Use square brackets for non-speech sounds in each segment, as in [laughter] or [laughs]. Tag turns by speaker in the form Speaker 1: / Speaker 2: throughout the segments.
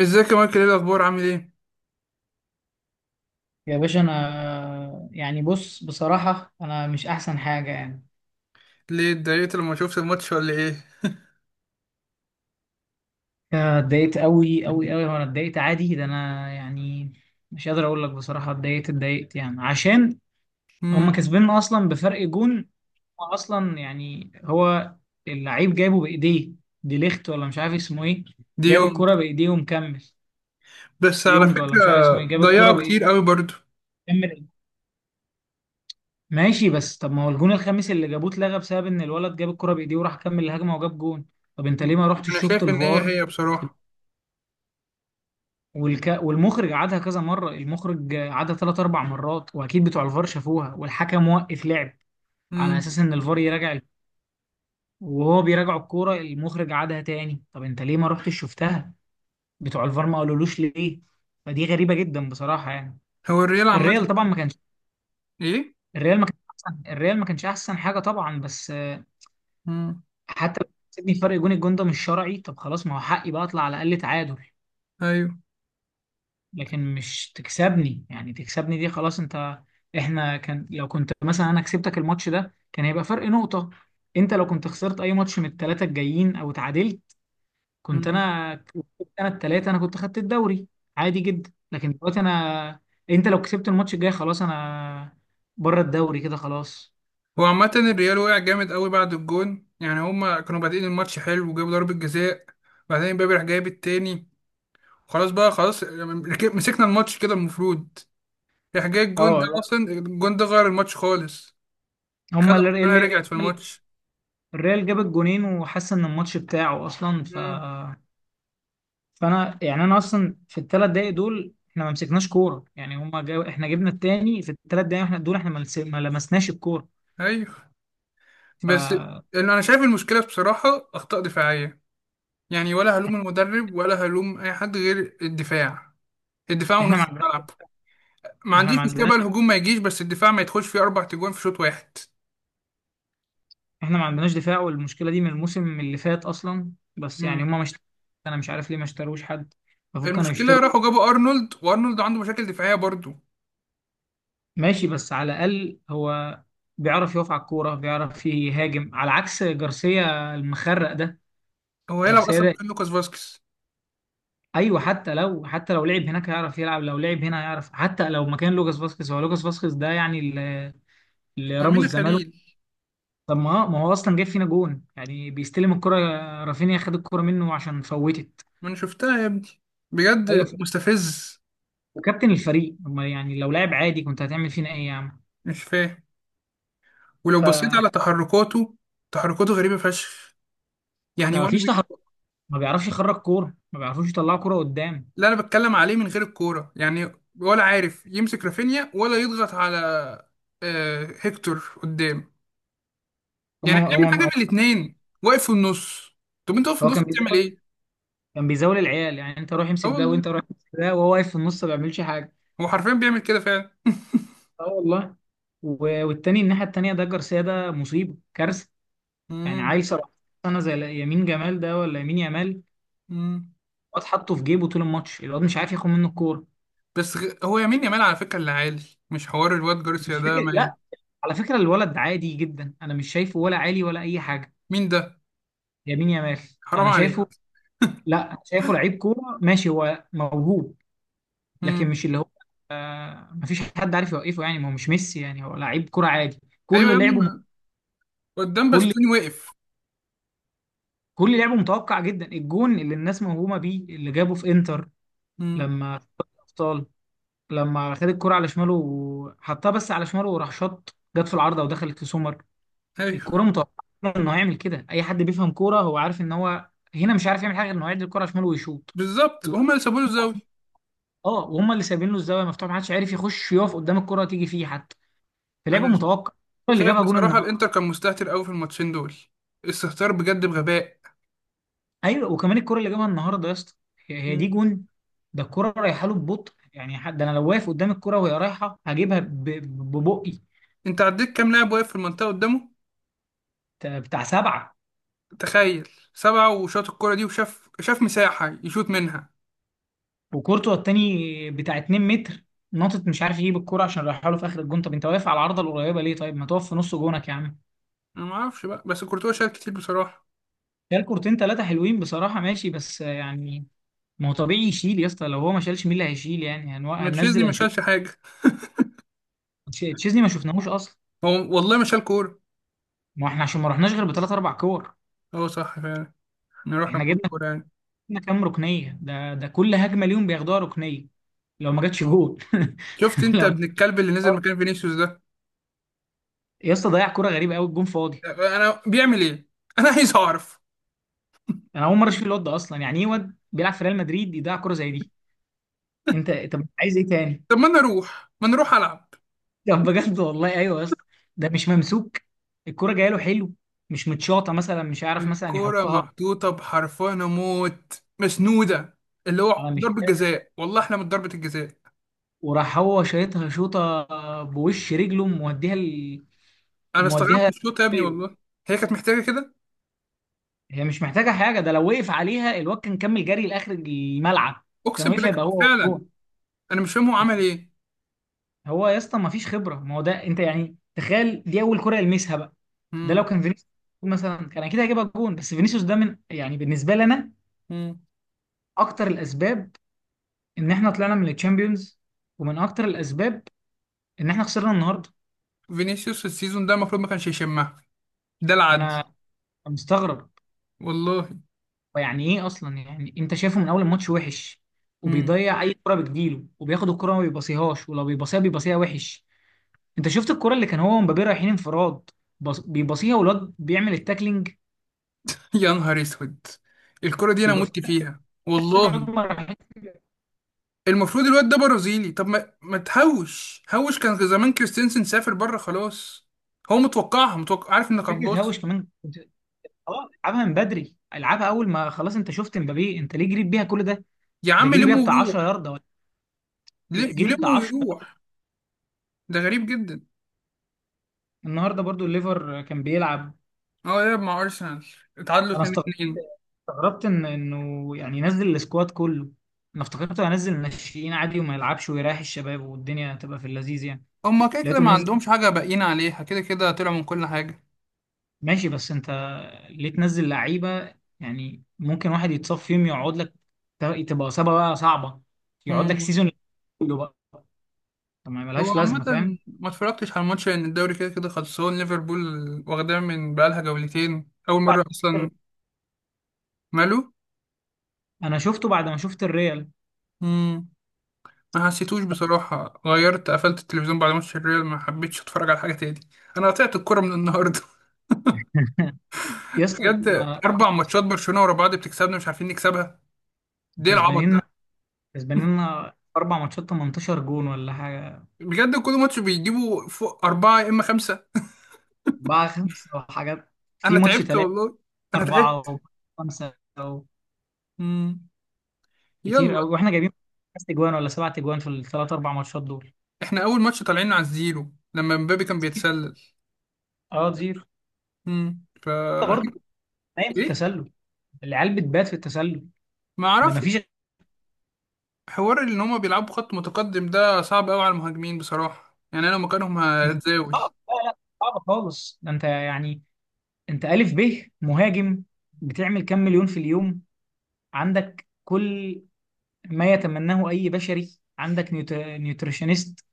Speaker 1: ازيك يا مايكل، ايه الاخبار، عامل ايه؟
Speaker 2: يا باشا، انا يعني بص بصراحة انا مش احسن حاجة يعني.
Speaker 1: ليه اتضايقت لما شفت الماتش ولا ايه؟
Speaker 2: أنا اتضايقت قوي قوي قوي، وانا اتضايقت عادي ده. انا يعني مش قادر اقول لك بصراحة اتضايقت اتضايقت يعني عشان هم
Speaker 1: امم
Speaker 2: كسباننا اصلا بفرق جون. هو اصلا يعني هو اللعيب جايبه بايديه، دي ليخت ولا مش عارف اسمه ايه.
Speaker 1: دي
Speaker 2: جايب
Speaker 1: يومك.
Speaker 2: الكرة بايديه ومكمل.
Speaker 1: بس على
Speaker 2: يونج ولا مش عارف
Speaker 1: فكره.
Speaker 2: اسمه ايه، جايب الكرة
Speaker 1: ضيعوا كتير قوي برضو.
Speaker 2: بايديه. ماشي بس طب ما هو الجون الخامس اللي جابوه اتلغى بسبب ان الولد جاب الكرة بايديه وراح كمل الهجمة وجاب جون. طب انت ليه
Speaker 1: مم.
Speaker 2: ما
Speaker 1: انا
Speaker 2: رحتش شفت
Speaker 1: شايف ان هي
Speaker 2: الفار؟
Speaker 1: هي
Speaker 2: في-
Speaker 1: بصراحه.
Speaker 2: والمخرج عادها كذا مرة، المخرج عادها ثلاث اربع مرات، واكيد بتوع الفار شافوها والحكم وقف لعب على
Speaker 1: امم
Speaker 2: اساس ان الفار يراجع وهو بيراجع الكورة المخرج عادها تاني. طب انت ليه ما رحتش شفتها؟ بتوع الفار ما قالولوش ليه؟ فدي غريبة جدا بصراحة يعني.
Speaker 1: هو الريال عامه؟
Speaker 2: الريال طبعا ما كانش،
Speaker 1: ايه.
Speaker 2: الريال ما كانش احسن، الريال ما كانش احسن حاجة طبعا. بس
Speaker 1: امم
Speaker 2: حتى لو كسبني فرق جون، الجون ده مش شرعي. طب خلاص ما هو حقي بقى اطلع على الاقل تعادل.
Speaker 1: ايوه.
Speaker 2: لكن مش تكسبني، يعني تكسبني دي خلاص انت. احنا كان لو كنت مثلا انا كسبتك الماتش ده كان هيبقى فرق نقطة. انت لو كنت خسرت اي ماتش من الثلاثة الجايين او اتعادلت، كنت
Speaker 1: امم
Speaker 2: انا كسبت انا الثلاثة، انا كنت خدت الدوري عادي جدا. لكن دلوقتي انا، انت لو كسبت الماتش الجاي خلاص انا بره الدوري كده خلاص.
Speaker 1: هو عامه الريال وقع جامد قوي بعد الجون، يعني هما كانوا بادئين الماتش حلو وجابوا ضربه جزاء، وبعدين امبابي راح جايب التاني. خلاص بقى، خلاص مسكنا الماتش كده المفروض. راح جاي الجون ده،
Speaker 2: اه لا،
Speaker 1: اصلا الجون ده غير الماتش خالص.
Speaker 2: هم
Speaker 1: خدها،
Speaker 2: اللي،
Speaker 1: رجعت في الماتش.
Speaker 2: الريال جاب الجونين وحس ان الماتش بتاعه اصلا. فانا يعني انا اصلا في الثلاث دقايق دول احنا ما مسكناش كوره، يعني هما احنا جبنا التاني في الثلاث دقايق، احنا دول احنا ما لمسناش الكوره.
Speaker 1: ايوه، بس
Speaker 2: فاحنا
Speaker 1: اللي انا شايف المشكله بصراحه اخطاء دفاعيه، يعني ولا هلوم المدرب ولا هلوم اي حد غير الدفاع، الدفاع
Speaker 2: ما
Speaker 1: ونص
Speaker 2: عندناش،
Speaker 1: الملعب. ما
Speaker 2: احنا
Speaker 1: عنديش
Speaker 2: ما
Speaker 1: مشكله
Speaker 2: عندناش،
Speaker 1: بقى الهجوم ما يجيش، بس الدفاع ما يدخلش فيه اربع تجوان في شوط واحد.
Speaker 2: احنا ما عندناش دفاع. والمشكله دي من الموسم اللي فات اصلا، بس يعني
Speaker 1: امم
Speaker 2: هما مش، انا مش عارف ليه ما اشتروش حد. المفروض كانوا
Speaker 1: المشكله
Speaker 2: يشتروا.
Speaker 1: راحوا جابوا ارنولد، وارنولد عنده مشاكل دفاعيه برضه.
Speaker 2: ماشي بس على الاقل هو بيعرف يقف على الكوره، بيعرف يهاجم، على عكس جارسيا المخرق ده.
Speaker 1: هو هيلعب
Speaker 2: جارسيا
Speaker 1: اصلا
Speaker 2: ده،
Speaker 1: مكان لوكاس فاسكيز.
Speaker 2: ايوه، حتى لو لعب هناك هيعرف يلعب، لو لعب هنا هيعرف، حتى لو مكان لوكاس فاسكيز. هو لوكاس فاسكيز ده يعني اللي، اللي راموس
Speaker 1: امينه
Speaker 2: زماله.
Speaker 1: خليل.
Speaker 2: طب ما هو اصلا جاب فينا جون، يعني بيستلم الكرة، رافينيا خد الكرة منه عشان فوتت.
Speaker 1: ما انا شفتها يا ابني، بجد.
Speaker 2: ايوه،
Speaker 1: مستفز.
Speaker 2: وكابتن الفريق، أما يعني لو لاعب عادي كنت هتعمل فينا ايه يا عم؟
Speaker 1: مش فاهم. ولو
Speaker 2: ف
Speaker 1: بصيت على تحركاته، تحركاته غريبه فشخ. يعني ولا
Speaker 2: مفيش
Speaker 1: بي...
Speaker 2: تحرك، ما بيعرفش يخرج كورة، ما بيعرفوش يطلعوا كورة قدام.
Speaker 1: اللي انا بتكلم عليه من غير الكوره، يعني ولا عارف يمسك رافينيا ولا يضغط على آه، هيكتور قدام. يعني
Speaker 2: هما
Speaker 1: بيعمل حاجه
Speaker 2: هما
Speaker 1: من الاثنين، واقف في النص. طب انت واقف في
Speaker 2: هو
Speaker 1: النص
Speaker 2: كان
Speaker 1: بتعمل
Speaker 2: بيزاول،
Speaker 1: ايه؟
Speaker 2: كان بيزاول العيال، يعني انت روح
Speaker 1: اه
Speaker 2: امسك ده
Speaker 1: والله،
Speaker 2: وانت روح امسك ده وهو واقف في النص ما بيعملش حاجة.
Speaker 1: هو حرفيا بيعمل كده فعلا.
Speaker 2: اه والله. والتاني الناحية التانية ده جارسيا ده مصيبة كارثة. يعني
Speaker 1: مم.
Speaker 2: عيل 17 سنة زي يمين جمال ده ولا يمين يامال،
Speaker 1: مم.
Speaker 2: الواد حطه في جيبه طول الماتش، الواد مش عارف ياخد منه الكورة.
Speaker 1: بس هو يمين يامال على فكره اللي عالي. مش حوار الواد جارسيا
Speaker 2: مش
Speaker 1: ده
Speaker 2: فكرة
Speaker 1: ما...
Speaker 2: لا، على فكرة الولد عادي جدا، أنا مش شايفه ولا عالي ولا أي حاجة.
Speaker 1: مين ده؟
Speaker 2: يمين يامال،
Speaker 1: حرام
Speaker 2: أنا
Speaker 1: عليك.
Speaker 2: شايفه، لا أنا شايفه لعيب كورة ماشي، هو موهوب لكن
Speaker 1: مم.
Speaker 2: مش اللي هو، مفيش حد عارف يوقفه. يعني ما هو مش ميسي، يعني هو لعيب كورة عادي.
Speaker 1: ايوه يا
Speaker 2: كل
Speaker 1: ابني،
Speaker 2: لعبه،
Speaker 1: ما قدام
Speaker 2: كل
Speaker 1: باستوني واقف.
Speaker 2: كل لعبه متوقع جدا. الجون اللي الناس موهومه بيه اللي جابه في انتر،
Speaker 1: مم.
Speaker 2: لما أبطال، لما خد الكرة على شماله وحطها بس على شماله وراح شاط، جت في العارضة ودخلت في سومر، الكرة
Speaker 1: ايوه،
Speaker 2: متوقعة إنه هيعمل كده. أي حد بيفهم كورة هو عارف إن هو هنا مش عارف يعمل حاجة غير إنه يعدي الكرة على شماله ويشوط.
Speaker 1: بالظبط
Speaker 2: ال-
Speaker 1: هما اللي سابوا له الزاويه.
Speaker 2: [laughs] اه وهم اللي سايبين له الزاويه مفتوحه، ما حدش عارف يخش يقف قدام الكره تيجي فيه حتى، فلعبه
Speaker 1: انا
Speaker 2: متوقع الكره اللي
Speaker 1: شايف
Speaker 2: جابها جون
Speaker 1: بصراحة
Speaker 2: النهارده.
Speaker 1: الانتر كان مستهتر قوي في الماتشين دول، استهتار بجد بغباء.
Speaker 2: ايوه، وكمان الكره اللي جابها النهارده يا اسطى، هي هي دي
Speaker 1: مم.
Speaker 2: جون. ده الكره رايحه له ببطء، يعني حد انا لو واقف قدام الكره وهي رايحه هجيبها ببقي
Speaker 1: انت عديت كام لاعب واقف في المنطقة قدامه؟
Speaker 2: بتاع سبعه.
Speaker 1: تخيل، سبعة وشاط الكرة دي، وشاف مساحة يشوط منها.
Speaker 2: وكورتوا التاني بتاع 2 متر ناطط، مش عارف يجيب الكوره عشان رايحها له في اخر الجون. طب انت واقف على العارضه القريبه ليه؟ طيب ما تقف في نص جونك يا عم.
Speaker 1: انا ما اعرفش بقى، بس كورتوا شال كتير بصراحة.
Speaker 2: شال كورتين ثلاثه حلوين بصراحه، ماشي بس يعني ما هو طبيعي يشيل يا اسطى. لو هو ما شالش مين اللي هيشيل؟ يعني
Speaker 1: ما تشيزني
Speaker 2: هننزل
Speaker 1: ما
Speaker 2: انشيلوتي؟
Speaker 1: شالش حاجة.
Speaker 2: تشيزني ما شفناهوش اصلا.
Speaker 1: هو والله ما شال كورة.
Speaker 2: ما احنا عشان ما رحناش غير بثلاث اربع كور.
Speaker 1: هو صح فعلا. احنا رحنا
Speaker 2: احنا
Speaker 1: بكام
Speaker 2: جبنا،
Speaker 1: كورة يعني؟
Speaker 2: جبنا كام ركنيه؟ ده كل هجمه ليهم بياخدوها ركنيه. لو ما جاتش جول، [laughs]
Speaker 1: شفت انت
Speaker 2: لو
Speaker 1: ابن الكلب اللي نزل مكان فينيسيوس ده؟
Speaker 2: يا اسطى ضيع كوره غريبه قوي، الجون فاضي.
Speaker 1: انا بيعمل ايه؟ انا عايز اعرف.
Speaker 2: انا اول مره اشوف الواد ده اصلا، يعني ايه واد بيلعب في ريال مدريد يضيع كوره زي دي؟ انت طب انت عايز ايه تاني؟
Speaker 1: طب ما انا اروح، ما نروح العب.
Speaker 2: طب بجد والله ايوه يا اسطى، ده مش ممسوك، الكرة جايه له حلو، مش متشاطه مثلا مش عارف مثلا
Speaker 1: الكرة
Speaker 2: يحطها
Speaker 1: محطوطة بحرفان موت، مسنودة، اللي
Speaker 2: على،
Speaker 1: هو
Speaker 2: مش
Speaker 1: ضربة
Speaker 2: فاهم،
Speaker 1: جزاء، والله احنا من ضربة الجزاء.
Speaker 2: وراح هو شايطها شوطه، بوش رجله موديها
Speaker 1: انا استغربت
Speaker 2: موديها.
Speaker 1: الشوط يا ابني
Speaker 2: طيب.
Speaker 1: والله. هي كانت محتاجة كده.
Speaker 2: هي مش محتاجه حاجه، ده لو وقف عليها الواد كان كمل جري لاخر الملعب، كان
Speaker 1: اقسم
Speaker 2: وقف
Speaker 1: بالله
Speaker 2: هيبقى هو
Speaker 1: فعلا.
Speaker 2: هو.
Speaker 1: انا مش فاهم هو عمل ايه.
Speaker 2: هو يا اسطى ما فيش خبره، ما هو ده انت يعني تخيل دي اول كرة يلمسها بقى. ده لو
Speaker 1: مم.
Speaker 2: كان فينيسيوس مثلا كان اكيد هيجيبها جون. بس فينيسيوس ده من، يعني بالنسبه لي انا،
Speaker 1: مم.
Speaker 2: اكتر الاسباب ان احنا طلعنا من الشامبيونز، ومن اكتر الاسباب ان احنا خسرنا النهارده.
Speaker 1: فينيسيوس السيزون ده المفروض ما كانش يشمها، ده العدل.
Speaker 2: انا مستغرب،
Speaker 1: والله.
Speaker 2: يعني ايه اصلا؟ يعني انت شايفه من اول الماتش وحش
Speaker 1: مم.
Speaker 2: وبيضيع اي كره بتجيله، وبياخد الكره ما بيباصيهاش، ولو بيباصيها بيباصيها وحش. انت شفت الكره اللي كان هو ومبابي رايحين انفراد، بيباصيها والواد بيعمل التاكلينج.
Speaker 1: يا نهار اسود، الكرة دي انا
Speaker 2: بيبقى في،
Speaker 1: مت فيها
Speaker 2: تحس ان الواد
Speaker 1: والله.
Speaker 2: ما راحتش.
Speaker 1: المفروض الواد ده برازيلي، طب ما تهوش هوش، كان زمان كريستنسن سافر بره خلاص. هو متوقعها، متوقع عارف انك
Speaker 2: فكره
Speaker 1: هتباص.
Speaker 2: هاوش كمان خلاص العبها من بدري، العبها اول ما خلاص. انت شفت مبابي، انت ليه جريت بيها كل ده؟
Speaker 1: يا
Speaker 2: ده
Speaker 1: عم
Speaker 2: جري بيها
Speaker 1: لمه
Speaker 2: بتاع 10
Speaker 1: ويروح.
Speaker 2: ياردة ولا، لا، جري
Speaker 1: يلمه
Speaker 2: بتاع.
Speaker 1: ويروح. ده غريب جدا.
Speaker 2: النهارده برضو الليفر كان بيلعب.
Speaker 1: اه يلعب مع ارسنال، اتعادلوا
Speaker 2: انا
Speaker 1: 2-2.
Speaker 2: استغربت ان انه يعني ينزل السكواد كله. انا افتكرته هينزل الناشئين عادي وما يلعبش ويريح الشباب والدنيا تبقى في اللذيذ يعني.
Speaker 1: هما كده كده
Speaker 2: لقيته
Speaker 1: ما
Speaker 2: منزل.
Speaker 1: عندهمش حاجه باقيين عليها، كده كده طلعوا من كل حاجه.
Speaker 2: ماشي بس انت ليه تنزل لعيبه؟ يعني ممكن واحد يتصاب فيهم يقعد لك، تبقى اصابه بقى صعبه يقعد لك
Speaker 1: مم.
Speaker 2: سيزون كله بقى. ما
Speaker 1: هو
Speaker 2: ملهاش لازمه
Speaker 1: عامه
Speaker 2: فاهم؟
Speaker 1: ما اتفرجتش على الماتش لان الدوري كده كده خلصان، ليفربول واخداه من بقالها جولتين، اول مره
Speaker 2: بعد
Speaker 1: اصلا. ماله.
Speaker 2: انا شفته بعد ما شفت الريال.
Speaker 1: مم. ما حسيتوش بصراحه، غيرت قفلت التلفزيون بعد ماتش الريال، ما حبيتش اتفرج على حاجه تاني. انا قطعت الكوره من النهارده.
Speaker 2: [laughs] يا
Speaker 1: [laughs]
Speaker 2: اسطى ما
Speaker 1: بجد، اربع
Speaker 2: عملتش
Speaker 1: ماتشات
Speaker 2: كده.
Speaker 1: برشلونه ورا بعض بتكسبنا مش عارفين نكسبها، دي العبط.
Speaker 2: كسبانين، كسبان لنا أربع ماتشات 18 جون ولا حاجة.
Speaker 1: بجد كل ماتش بيجيبوا فوق أربعة يا إما خمسة.
Speaker 2: أربعة خمسة وحاجات، في
Speaker 1: أنا
Speaker 2: ماتش
Speaker 1: تعبت
Speaker 2: تلاتة،
Speaker 1: والله، أنا تعبت.
Speaker 2: أربعة وخمسة.
Speaker 1: مم.
Speaker 2: كتير
Speaker 1: يلا.
Speaker 2: أوي. وإحنا جايبين خمس أجوان ولا سبعة أجوان في الثلاث أربع ماتشات دول.
Speaker 1: إحنا أول ماتش طالعين على الزيرو لما مبابي كان بيتسلل.
Speaker 2: أه زيرو.
Speaker 1: مم.
Speaker 2: أنت برضه نايم
Speaker 1: [laughs]
Speaker 2: في
Speaker 1: إيه؟
Speaker 2: التسلل، العيال بتبات في التسلل.
Speaker 1: ما
Speaker 2: ده
Speaker 1: أعرف.
Speaker 2: مفيش.
Speaker 1: حوار إن هما بيلعبوا خط متقدم ده صعب أوي على المهاجمين بصراحة، يعني أنا لو مكانهم
Speaker 2: مش-
Speaker 1: هتزاول.
Speaker 2: صعب لا لا صعب خالص. ده أنت يعني أنت ألف ب مهاجم، بتعمل كام مليون في اليوم، عندك كل ما يتمناه أي بشري، عندك نيوتريشنست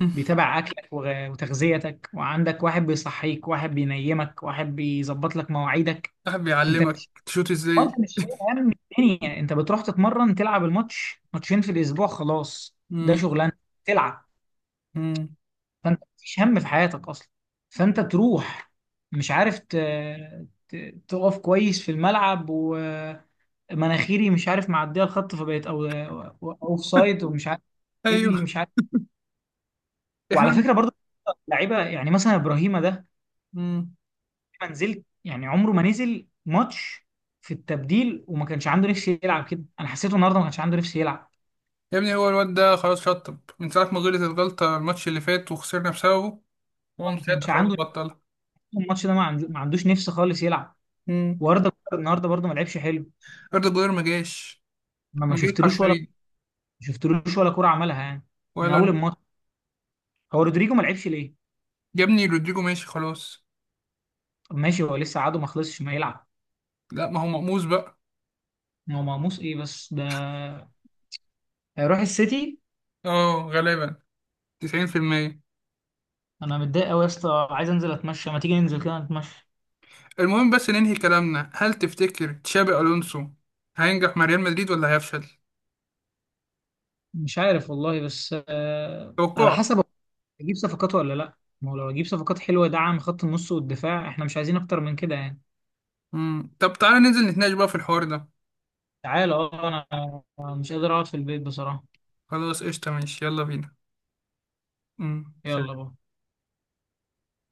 Speaker 1: مم.
Speaker 2: بيتابع اكلك وتغذيتك، وعندك واحد بيصحيك واحد بينيمك واحد بيظبط لك مواعيدك.
Speaker 1: صاحب
Speaker 2: انت
Speaker 1: بيعلمك
Speaker 2: مش،
Speaker 1: تشوت
Speaker 2: آه، انت
Speaker 1: إزاي.
Speaker 2: مش شايل هم الدنيا، انت بتروح تتمرن تلعب الماتش، ماتشين في الاسبوع خلاص. ده
Speaker 1: مم.
Speaker 2: شغلانه تلعب.
Speaker 1: مم.
Speaker 2: فانت مفيش هم في حياتك اصلا. فانت تروح مش عارف ت... تقف كويس في الملعب، ومناخيري مش عارف معديه الخط فبقيت او اوف سايد ومش عارف رجلي
Speaker 1: أيوه.
Speaker 2: مش عارف.
Speaker 1: إحنا.
Speaker 2: وعلى فكره برضه لعيبه، يعني مثلا ابراهيم ده
Speaker 1: مم.
Speaker 2: ما نزلت، يعني عمره ما نزل ماتش في التبديل، وما كانش عنده نفس يلعب كده. انا حسيته النهارده ما كانش عنده نفس يلعب.
Speaker 1: يا ابني هو الواد ده خلاص شطب من ساعة ما غلط الغلطة الماتش اللي فات وخسرنا بسببه، هو
Speaker 2: آه،
Speaker 1: من
Speaker 2: ما
Speaker 1: ساعتها
Speaker 2: كانش
Speaker 1: خلاص
Speaker 2: عنده نفس.
Speaker 1: بطل.
Speaker 2: الماتش ده ما عندوش نفس خالص يلعب.
Speaker 1: مم.
Speaker 2: واردا جولر النهارده برضه ما لعبش حلو.
Speaker 1: أردا جولر ما جاش، ما جاش حرفيا.
Speaker 2: ما شفتلوش ولا كوره عملها يعني من
Speaker 1: ولا
Speaker 2: اول
Speaker 1: أنا.
Speaker 2: الماتش. هو رودريجو ما لعبش ليه؟
Speaker 1: يا ابني رودريجو ماشي خلاص.
Speaker 2: طب ماشي هو لسه عاده ما خلصش ما يلعب.
Speaker 1: لا، ما هو مقموص بقى.
Speaker 2: ما هو مقموص ايه بس ده؟ هيروح السيتي.
Speaker 1: اه غالبا، 90%.
Speaker 2: انا متضايق قوي يا اسطى، عايز انزل اتمشى. ما تيجي ننزل كده نتمشى؟
Speaker 1: المهم بس ننهي كلامنا، هل تفتكر تشابي ألونسو هينجح مع ريال مدريد ولا هيفشل؟
Speaker 2: مش عارف والله، بس آه على
Speaker 1: توقعك.
Speaker 2: حسب. اجيب صفقات ولا لا؟ ما هو لو اجيب صفقات حلوه دعم خط النص والدفاع احنا مش عايزين اكتر من كده يعني.
Speaker 1: مم. طب تعالى ننزل نتناقش بقى في الحوار ده.
Speaker 2: تعالى اه انا، أنا مش قادر اقعد في البيت بصراحه.
Speaker 1: خلاص قشطة، ماشي، يلا بينا. مم.
Speaker 2: يلا بقى.